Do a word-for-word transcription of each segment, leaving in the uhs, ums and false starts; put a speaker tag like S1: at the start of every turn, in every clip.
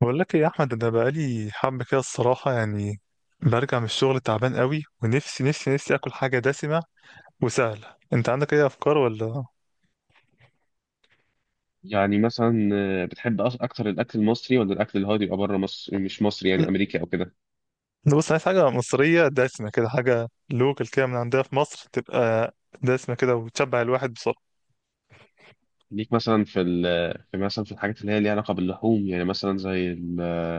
S1: بقول لك ايه يا احمد، انا بقالي حبه كده الصراحه يعني. برجع من الشغل تعبان قوي، ونفسي نفسي نفسي اكل حاجه دسمه وسهله. انت عندك اي افكار ولا؟
S2: يعني مثلا آه، بتحب أص- اكتر الاكل المصري ولا الاكل اللي هو بيبقى بره مصر مش مصري، يعني
S1: لا،
S2: امريكي او كده؟
S1: بص، عايز حاجه مصريه دسمه كده، حاجه لوكال كده من عندنا في مصر، تبقى دسمه كده وتشبع الواحد بسرعه.
S2: ليك مثلا في ال في مثلا في الحاجات اللي هي ليها علاقه باللحوم، يعني مثلا زي ال-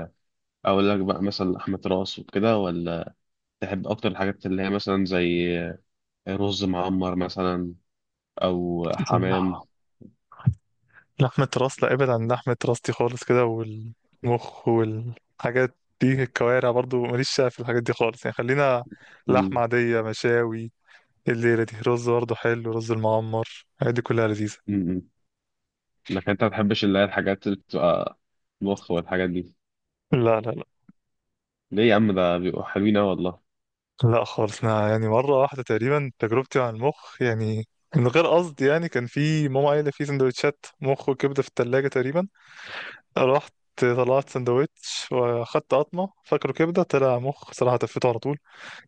S2: اقول لك بقى مثلا لحمه راس وكده، ولا تحب اكتر الحاجات اللي هي مثلا زي آه، رز معمر مثلا، او حمام؟
S1: لا، لحمه راس، لا ابعد عن لحمه راس دي خالص كده، والمخ والحاجات دي، الكوارع برضو ماليش شغف في الحاجات دي خالص يعني. خلينا لحمه
S2: مم.
S1: عاديه، مشاوي. الليلة دي رز برضه حلو، رز المعمر، الحاجات دي كلها لذيذة.
S2: مم. لكن انت ما بتحبش اللي هي الحاجات اللي بتبقى مخ والحاجات دي؟
S1: لا، لا، لا،
S2: ليه يا عم؟ ده بيبقوا حلوين أوي والله.
S1: لا خالص. أنا يعني مرة واحدة تقريبا تجربتي عن المخ يعني، من غير قصد يعني. كان في ماما قايلة في سندوتشات مخ وكبدة في التلاجة تقريبا، رحت طلعت سندوتش، واخدت قطمة فاكره كبدة، طلع مخ، صراحة تفيته على طول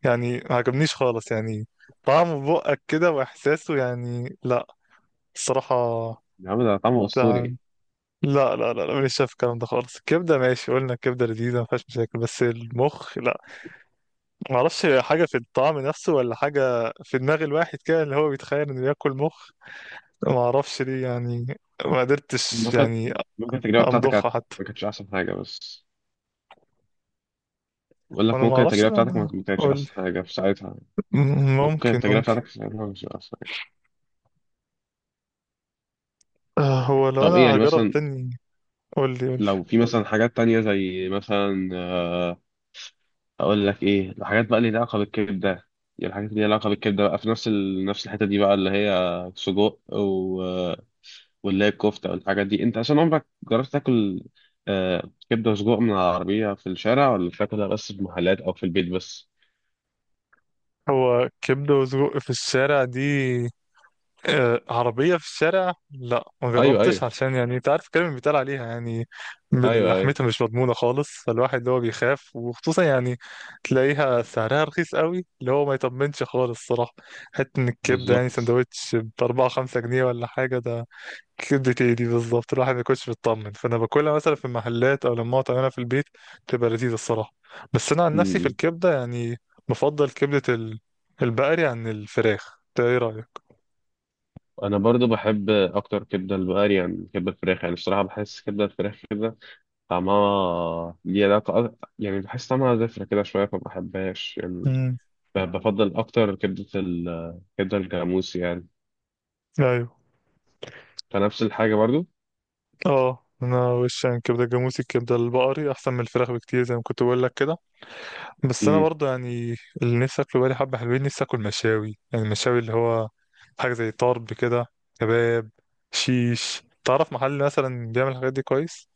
S1: يعني. ما عجبنيش خالص يعني، طعمه بقك كده وإحساسه، يعني لا، الصراحة.
S2: يا عم ده طعمه اسطوري.
S1: لا، لا، لا، لا مش شايف الكلام ده خالص. الكبده ماشي، قلنا الكبده لذيذه ما فيهاش مشاكل، بس المخ لا. ما اعرفش حاجه في الطعم نفسه ولا حاجه في دماغ الواحد كده، اللي هو بيتخيل انه ياكل مخ. ما اعرفش ليه يعني. ما قدرتش
S2: ممكن
S1: يعني
S2: ممكن التجربة بتاعتك كانت-
S1: امضخها حتى.
S2: ما كانتش أحسن حاجة، بس بقول لك
S1: وانا ما
S2: ممكن
S1: اعرفش
S2: التجربة
S1: ليه
S2: بتاعتك ما
S1: انا.
S2: ما كانتش
S1: قول لي.
S2: أحسن حاجة في ساعتها.
S1: م-
S2: ممكن
S1: ممكن
S2: التجربة
S1: ممكن
S2: بتاعتك في ساعتها مش أحسن حاجة.
S1: آه، هو لو
S2: طب
S1: انا
S2: إيه يعني
S1: هجرب
S2: مثلا؟
S1: تاني. قول لي، قول لي.
S2: لو في مثلا حاجات تانية زي مثلا آه، أقول لك إيه الحاجات بقى اللي ليها علاقة بالكبدة. يعني الحاجات اللي ليها علاقة بالكبدة بقى في نفس ال... نفس الحتة دي بقى، اللي هي سجق و... واللي هي الكفتة والحاجات دي. أنت عشان عمرك جربت تاكل آه، كبدة وسجق من العربية في الشارع، ولا بتاكلها بس في محلات أو في البيت بس؟
S1: هو كبده وسجق في الشارع دي، آه، عربية في الشارع، لا ما
S2: ايوه، ايوه.
S1: جربتش عشان يعني انت عارف الكلام اللي بيتقال عليها يعني. بال-
S2: ايوه، ايوه.
S1: لحمتها مش مضمونة خالص، فالواحد اللي هو بيخاف، وخصوصا يعني تلاقيها سعرها رخيص قوي، اللي هو ما يطمنش خالص صراحة. حتى ان الكبدة، يعني
S2: بالظبط.
S1: سندوتش بأربعة خمسة جنيه ولا حاجة، ده كبدة ايه دي بالظبط؟ الواحد ما يكونش مطمن. فانا باكلها مثلا في المحلات او لما اقعد اعملها في البيت، تبقى لذيذة الصراحة. بس انا عن نفسي في
S2: أمم.
S1: الكبدة يعني بفضل كبدة ال- البقري عن الفراخ. انت ايه رأيك؟
S2: انا برضو بحب اكتر كبده البقري يعني من كبده الفراخ. يعني الصراحه بحس كبده الفراخ كده طعمها ليه علاقه أك- يعني بحس طعمها زفره كده شويه، فما بحبهاش يعني. ب- بفضل اكتر كبده ال- كبده الجاموس يعني،
S1: امم.
S2: فنفس الحاجه برضو.
S1: اه، انا وش يعني كبده جاموسي، الكبده البقري احسن من الفراخ بكتير، زي ما كنت بقول لك كده. بس انا
S2: امم.
S1: برضو يعني، اللي نفسي اكله بقالي حبه حلوين، نفسي اكل مشاوي. يعني المشاوي اللي هو حاجه زي طرب كده، كباب، شيش. تعرف محل مثلا بيعمل الحاجات دي كويس؟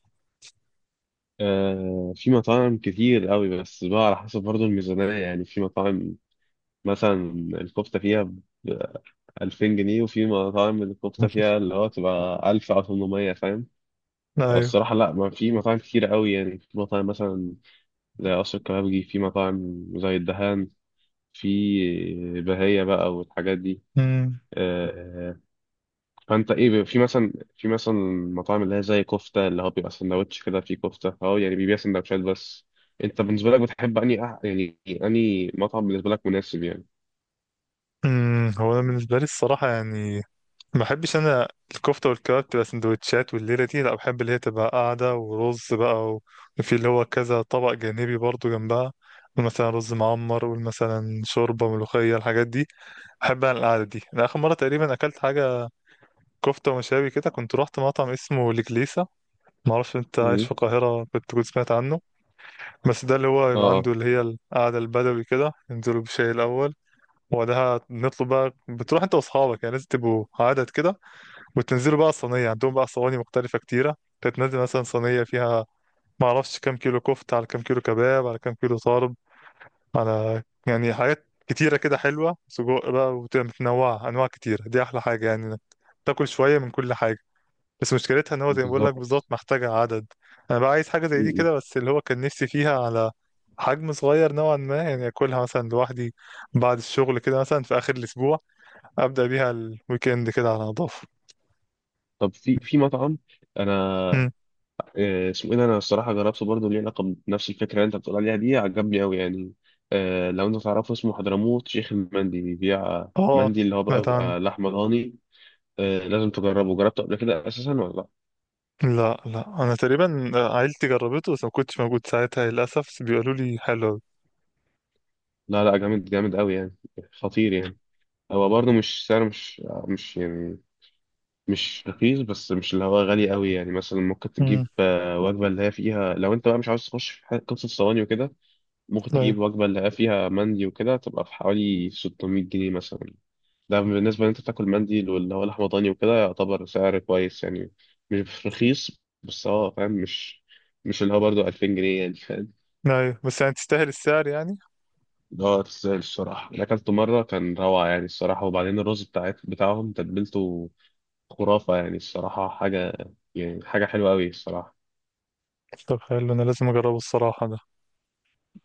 S2: آه في مطاعم كتير قوي، بس بقى على حسب برضو الميزانيه. يعني في مطاعم مثلا الكفته فيها ب ألفين جنيه، وفي مطاعم الكفته فيها اللي هو تبقى ألف او ثمانمائة، فاهم؟
S1: ايوه.
S2: الصراحة لا، ما في مطاعم كتير قوي. يعني في مطاعم مثلا زي قصر الكبابجي، في مطاعم زي الدهان، في بهية بقى والحاجات دي
S1: امم.
S2: آه، فانت ايه في مثلا في مثلا مطاعم اللي هي زي كفتة اللي هو بيبقى سندوتش كده فيه كفتة، اه، يعني بيبيع سندوتشات بس. انت بالنسبة لك بتحب اني أح- يعني اني مطعم بالنسبة لك مناسب يعني؟
S1: أمم، هو انا بالنسبه لي الصراحه يعني ما بحبش انا الكفته والكباب تبقى سندوتشات، والليله دي لا، بحب اللي هي تبقى قاعده ورز بقى و- وفي اللي هو كذا طبق جانبي برضو جنبها، مثلا رز معمر، ومثلا شوربه ملوخيه، الحاجات دي بحب انا القعده دي. انا اخر مره تقريبا اكلت حاجه كفته ومشاوي كده، كنت رحت مطعم اسمه الكليسه. ما اعرفش انت عايش
S2: مم.
S1: في القاهره، كنت تكون سمعت عنه. بس ده اللي هو
S2: اه.
S1: يبقى
S2: آه،
S1: عنده اللي هي القعده البدوي كده، ينزلوا بشاي الاول، وبعدها نطلب بقى. بتروح انت واصحابك، يعني لازم تبقوا عدد كده، وتنزلوا بقى الصينية. عندهم بقى صواني مختلفة كتيرة، تتنزل مثلا صينية فيها معرفش كام كيلو كفتة، على كام كيلو كباب، على كام كيلو طرب، على يعني حاجات كتيرة كده حلوة، سجق بقى، وتبقى متنوعة أنواع كتيرة. دي أحلى حاجة يعني، إنك تاكل شوية من كل حاجة. بس مشكلتها إن هو زي ما بقول لك
S2: بالظبط.
S1: بالظبط، محتاجة عدد. أنا بقى عايز حاجة زي
S2: م-
S1: دي
S2: م.
S1: كده، بس اللي هو كان نفسي فيها على حجم صغير نوعا ما، يعني أكلها مثلا لوحدي بعد الشغل كده، مثلا في آخر الأسبوع، أبدأ بيها الويكند كده على نضافة.
S2: طب في في مطعم، انا
S1: مم.
S2: آه، اسمه ايه ده؟ انا الصراحه جربته برضه، ليه علاقه بنفس الفكره اللي انت بتقول عليها دي، عجبني قوي يعني. آه، لو انت تعرفه، اسمه حضرموت شيخ المندي، بيبيع
S1: اه،
S2: مندي اللي هو بقى
S1: سمعت عنه.
S2: بيبقى لحمه ضاني. آه، لازم تجربه. جربته قبل كده اساسا ولا لا؟
S1: لا، لا، انا تقريبا عيلتي جربته، بس ما كنتش موجود ساعتها للاسف، بس بيقولوا لي حلو أوي.
S2: لا، لا، جامد جامد قوي يعني، خطير يعني. هو برضه مش سعر، مش مش، يعني مش رخيص، بس مش اللي هو غالي قوي يعني. مثلا ممكن
S1: امم.
S2: تجيب آه، وجبه اللي هي فيها، لو انت بقى مش عاوز تخش في حاجة- قصه صواني وكده، ممكن
S1: ايوه،
S2: تجيب وجبه اللي هي فيها مندي وكده تبقى في حوالي ستمائة جنيه مثلا. ده بالنسبة ان انت بتاكل مندي واللي هو لحمة ضاني وكده يعتبر سعر كويس يعني. مش رخيص، بس هو فاهم، مش مش اللي هو برضه ألفين جنيه يعني، فاهم؟
S1: ايوه. بس يعني تستاهل السعر يعني.
S2: اللي هو تستاهل الصراحة. اللي أكلته مرة كان روعة يعني، الصراحة. وبعدين الرز بتاعت بتاعهم تتبيلته خرافة يعني، الصراحة حاجة، يعني حاجة حلوة أوي الصراحة.
S1: طب حلو، انا لازم اجربه الصراحه ده.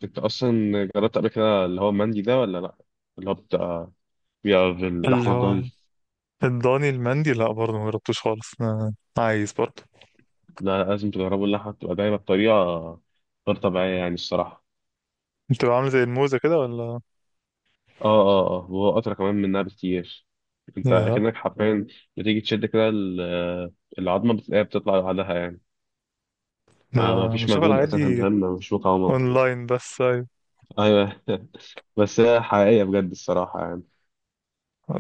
S2: أنت أصلا جربت قبل كده اللي هو مندي ده ولا لأ؟ اللي هو بتاع، بيبقى
S1: اللي
S2: باللحمة
S1: هو
S2: الضاني.
S1: الضاني المندي، لا برضه ما جربتوش خالص، انا عايز برضه.
S2: لا، لازم تجربوا، اللحمة بتبقى دايما بطريقة غير طبيعية يعني، الصراحة.
S1: بتبقى عامله زي الموزه كده ولا؟
S2: اه، اه، اه، وهو اسرع كمان منها بكتير. انت
S1: يا،
S2: اكنك حرفيا بتيجي تشد كده ال- العظمه بتلاقيها بتطلع لوحدها يعني. ما ما
S1: لا
S2: فيش
S1: بشوف
S2: مجهود
S1: الحاجات
S2: اساسا،
S1: دي
S2: فاهم؟ ما فيش مقاومه.
S1: اونلاين بس. ايوه.
S2: ايوه. بس هي حقيقيه بجد، الصراحه يعني.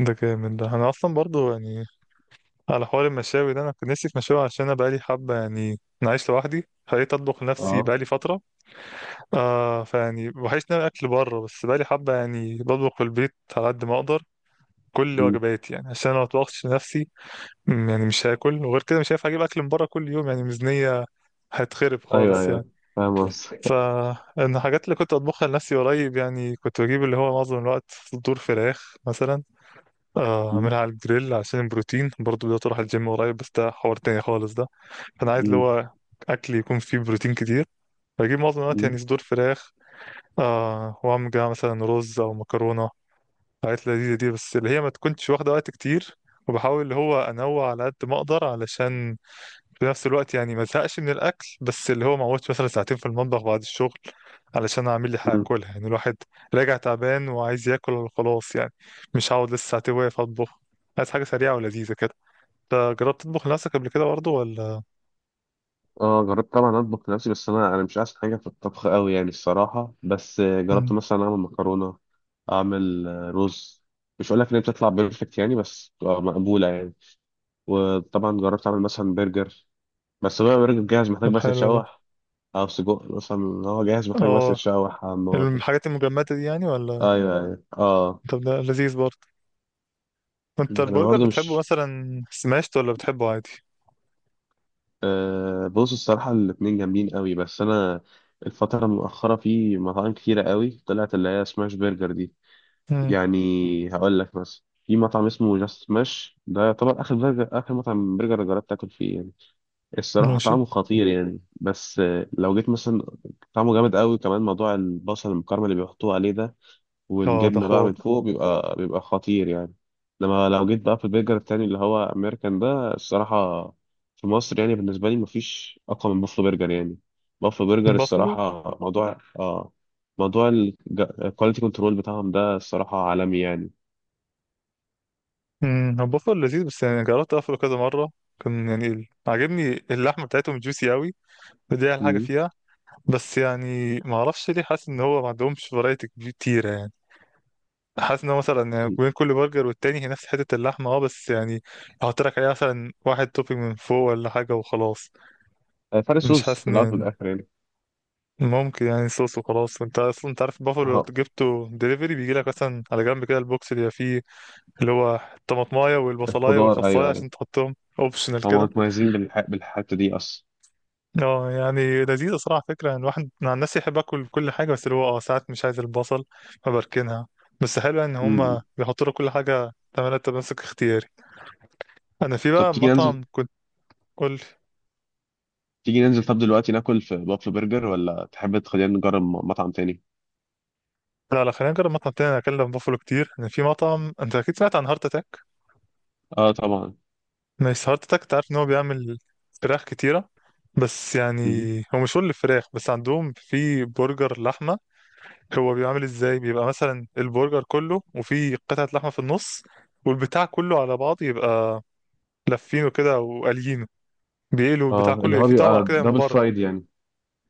S1: ده جامد، ده انا اصلا برضه يعني على حوار المشاوي ده، انا كنت نفسي في مشاوي، عشان انا بقالي حبه يعني، انا عايش لوحدي، خليت اطبخ لنفسي
S2: اه.
S1: بقالي فتره. آه فيعني بحس ان انا اكل بره، بس بقالي حبه يعني بطبخ في البيت على قد ما اقدر كل
S2: مم.
S1: وجباتي يعني، عشان ما اطبخش لنفسي. م، يعني مش هاكل، وغير كده مش هينفع اجيب اكل من بره كل يوم، يعني ميزانيه هتخرب
S2: ايوه،
S1: خالص
S2: ايوه،
S1: يعني.
S2: فاهم
S1: ف،
S2: قصدك.
S1: إن الحاجات اللي كنت اطبخها لنفسي قريب يعني، كنت بجيب اللي هو معظم الوقت صدور فراخ مثلا. آه،
S2: مم.
S1: اعملها على الجريل عشان البروتين. برضه بدأت اروح الجيم قريب، بس ده حوار تاني خالص ده. فانا عايز اللي
S2: مم.
S1: هو اكل يكون فيه بروتين كتير. بجيب معظم الوقت
S2: مم.
S1: يعني صدور فراخ. آه وعمجة مثلا رز أو مكرونة، حاجات لذيذة دي، بس اللي هي ما تكونش واخدة وقت كتير. وبحاول اللي هو أنوع على قد ما أقدر، علشان في نفس الوقت يعني ما أزهقش من الأكل، بس اللي هو ما أقعدش مثلا ساعتين في المطبخ بعد الشغل علشان أعمل لي حاجة
S2: مم.
S1: أكلها. يعني الواحد راجع تعبان وعايز ياكل وخلاص يعني، مش هقعد لسه ساعتين واقف أطبخ. عايز حاجة سريعة ولذيذة كده. أنت جربت تطبخ لنفسك قبل كده برضه ولا؟
S2: اه، جربت طبعا اطبخ لنفسي، بس انا انا مش احسن حاجه في الطبخ قوي يعني، الصراحه. بس جربت
S1: مم،
S2: مثلا اعمل مكرونه، اعمل آه، رز. مش هقول لك ان هي بتطلع بيرفكت يعني، بس بتبقى مقبوله يعني. وطبعا جربت اعمل مثلا برجر، بس بقى برجر جاهز محتاج
S1: طب
S2: بس
S1: حلو ده.
S2: يتشوح، او سجق مثلا. هو جاهز محتاج بس
S1: اه،
S2: يتشوح على النار.
S1: الحاجات المجمدة دي يعني ولا؟
S2: ايوه، ايوه، اه.
S1: طب ده لذيذ برضه. انت
S2: انا
S1: البرجر
S2: برضه
S1: بتحبه
S2: مش،
S1: مثلا سماشت ولا بتحبه عادي؟
S2: آه بص الصراحه الاتنين جامدين قوي. بس انا الفتره المؤخره في مطاعم كتيره قوي طلعت اللي هي سماش برجر دي،
S1: امم.
S2: يعني هقول لك مثلا في مطعم اسمه جاست سماش، ده يعتبر اخر برجر، اخر مطعم برجر جربت اكل فيه يعني. الصراحة
S1: ماشي.
S2: طعمه خطير يعني، بس آه، لو جيت مثلا، طعمه جامد قوي، كمان موضوع البصل المكرمل اللي بيحطوه عليه ده
S1: اه ده
S2: والجبنة بقى
S1: حوار.
S2: من فوق بيبقى بيبقى خطير يعني. لما لو جيت بقى في البرجر التاني اللي هو أمريكان، ده الصراحة في مصر يعني بالنسبة لي مفيش أقوى من بافلو برجر يعني. بافلو برجر
S1: بافلو.
S2: الصراحة موضوع، اه موضوع الكواليتي كنترول بتاعهم ده الصراحة عالمي يعني.
S1: امم، هو بافلو لذيذ، بس يعني جربت اقفله كذا مره، كان يعني ال- عاجبني اللحمه بتاعتهم جوسي قوي، ودي احلى حاجه
S2: مم.
S1: فيها. بس يعني ما اعرفش ليه، حاسس ان هو ما عندهمش فرايتي كتيره يعني. حاسس ان هو مثلا يعني بين كل برجر والتاني هي نفس حته اللحمه، اه بس يعني احط لك عليها مثلا واحد توبينج من فوق ولا حاجه وخلاص.
S2: آه، فرق
S1: مش
S2: صوص
S1: حاسس
S2: في
S1: ان
S2: الأول وفي
S1: يعني،
S2: الآخر يعني.
S1: ممكن يعني صوص وخلاص. انت اصلا انت عارف البافلو لو
S2: آه،
S1: جبته دليفري، بيجي لك مثلا على جنب كده البوكس اللي فيه، اللي هو الطماطمايه والبصلايه
S2: الخضار
S1: والخصايه،
S2: أيوه،
S1: عشان تحطهم اوبشنال
S2: هم
S1: كده.
S2: متميزين بالح... بالحته دي اصلا.
S1: اه يعني لذيذه، صراحه فكره يعني، الواحد مع الناس يحب اكل كل حاجه، بس اللي هو اه ساعات مش عايز البصل فبركنها. بس حلو ان هم
S2: امم.
S1: بيحطوا لك كل حاجه تعملها تمسك اختياري. انا في
S2: طب
S1: بقى
S2: تيجي ننزل،
S1: مطعم كنت. قول.
S2: تيجي ننزل طب دلوقتي ناكل في بافلو برجر، ولا تحب تخلينا نجرب م- مطعم تاني؟
S1: لا، لا، خلينا نجرب مطعم تاني. انا اكلم بافلو كتير. انا في مطعم، انت اكيد سمعت عن هارت اتاك.
S2: اه طبعا.
S1: نايس هارت اتاك، تعرف ان هو بيعمل فراخ كتيرة. بس يعني
S2: مم.
S1: هو مشهور للفراخ، بس عندهم في برجر لحمة. هو بيعمل ازاي؟ بيبقى مثلا البرجر كله وفي قطعة لحمة في النص، والبتاع كله على بعضه يبقى لافينه كده وقاليينه، بيقلوا البتاع
S2: اه، اللي
S1: كله
S2: هو
S1: في طبقة
S2: بيبقى
S1: كده من
S2: دبل
S1: بره.
S2: فرايد يعني.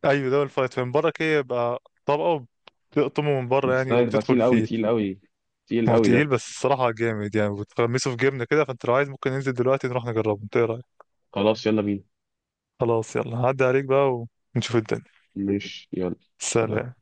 S1: ايوه، ده الفايت من بره كده، يبقى طبقة، بتقطمه من بره
S2: بس
S1: يعني
S2: ده هيبقى
S1: وتدخل
S2: تقيل قوي،
S1: فيه.
S2: تقيل قوي،
S1: ما
S2: تقيل
S1: هو
S2: قوي
S1: تقيل
S2: ده.
S1: بس الصراحة جامد يعني، وتغمسه في جبنة كده. فانت لو عايز ممكن ننزل دلوقتي نروح نجربه. انت إيه رأيك؟
S2: خلاص يلا بينا.
S1: خلاص، يلا هعدي عليك بقى ونشوف الدنيا.
S2: ماشي يلا. سلام.
S1: سلام.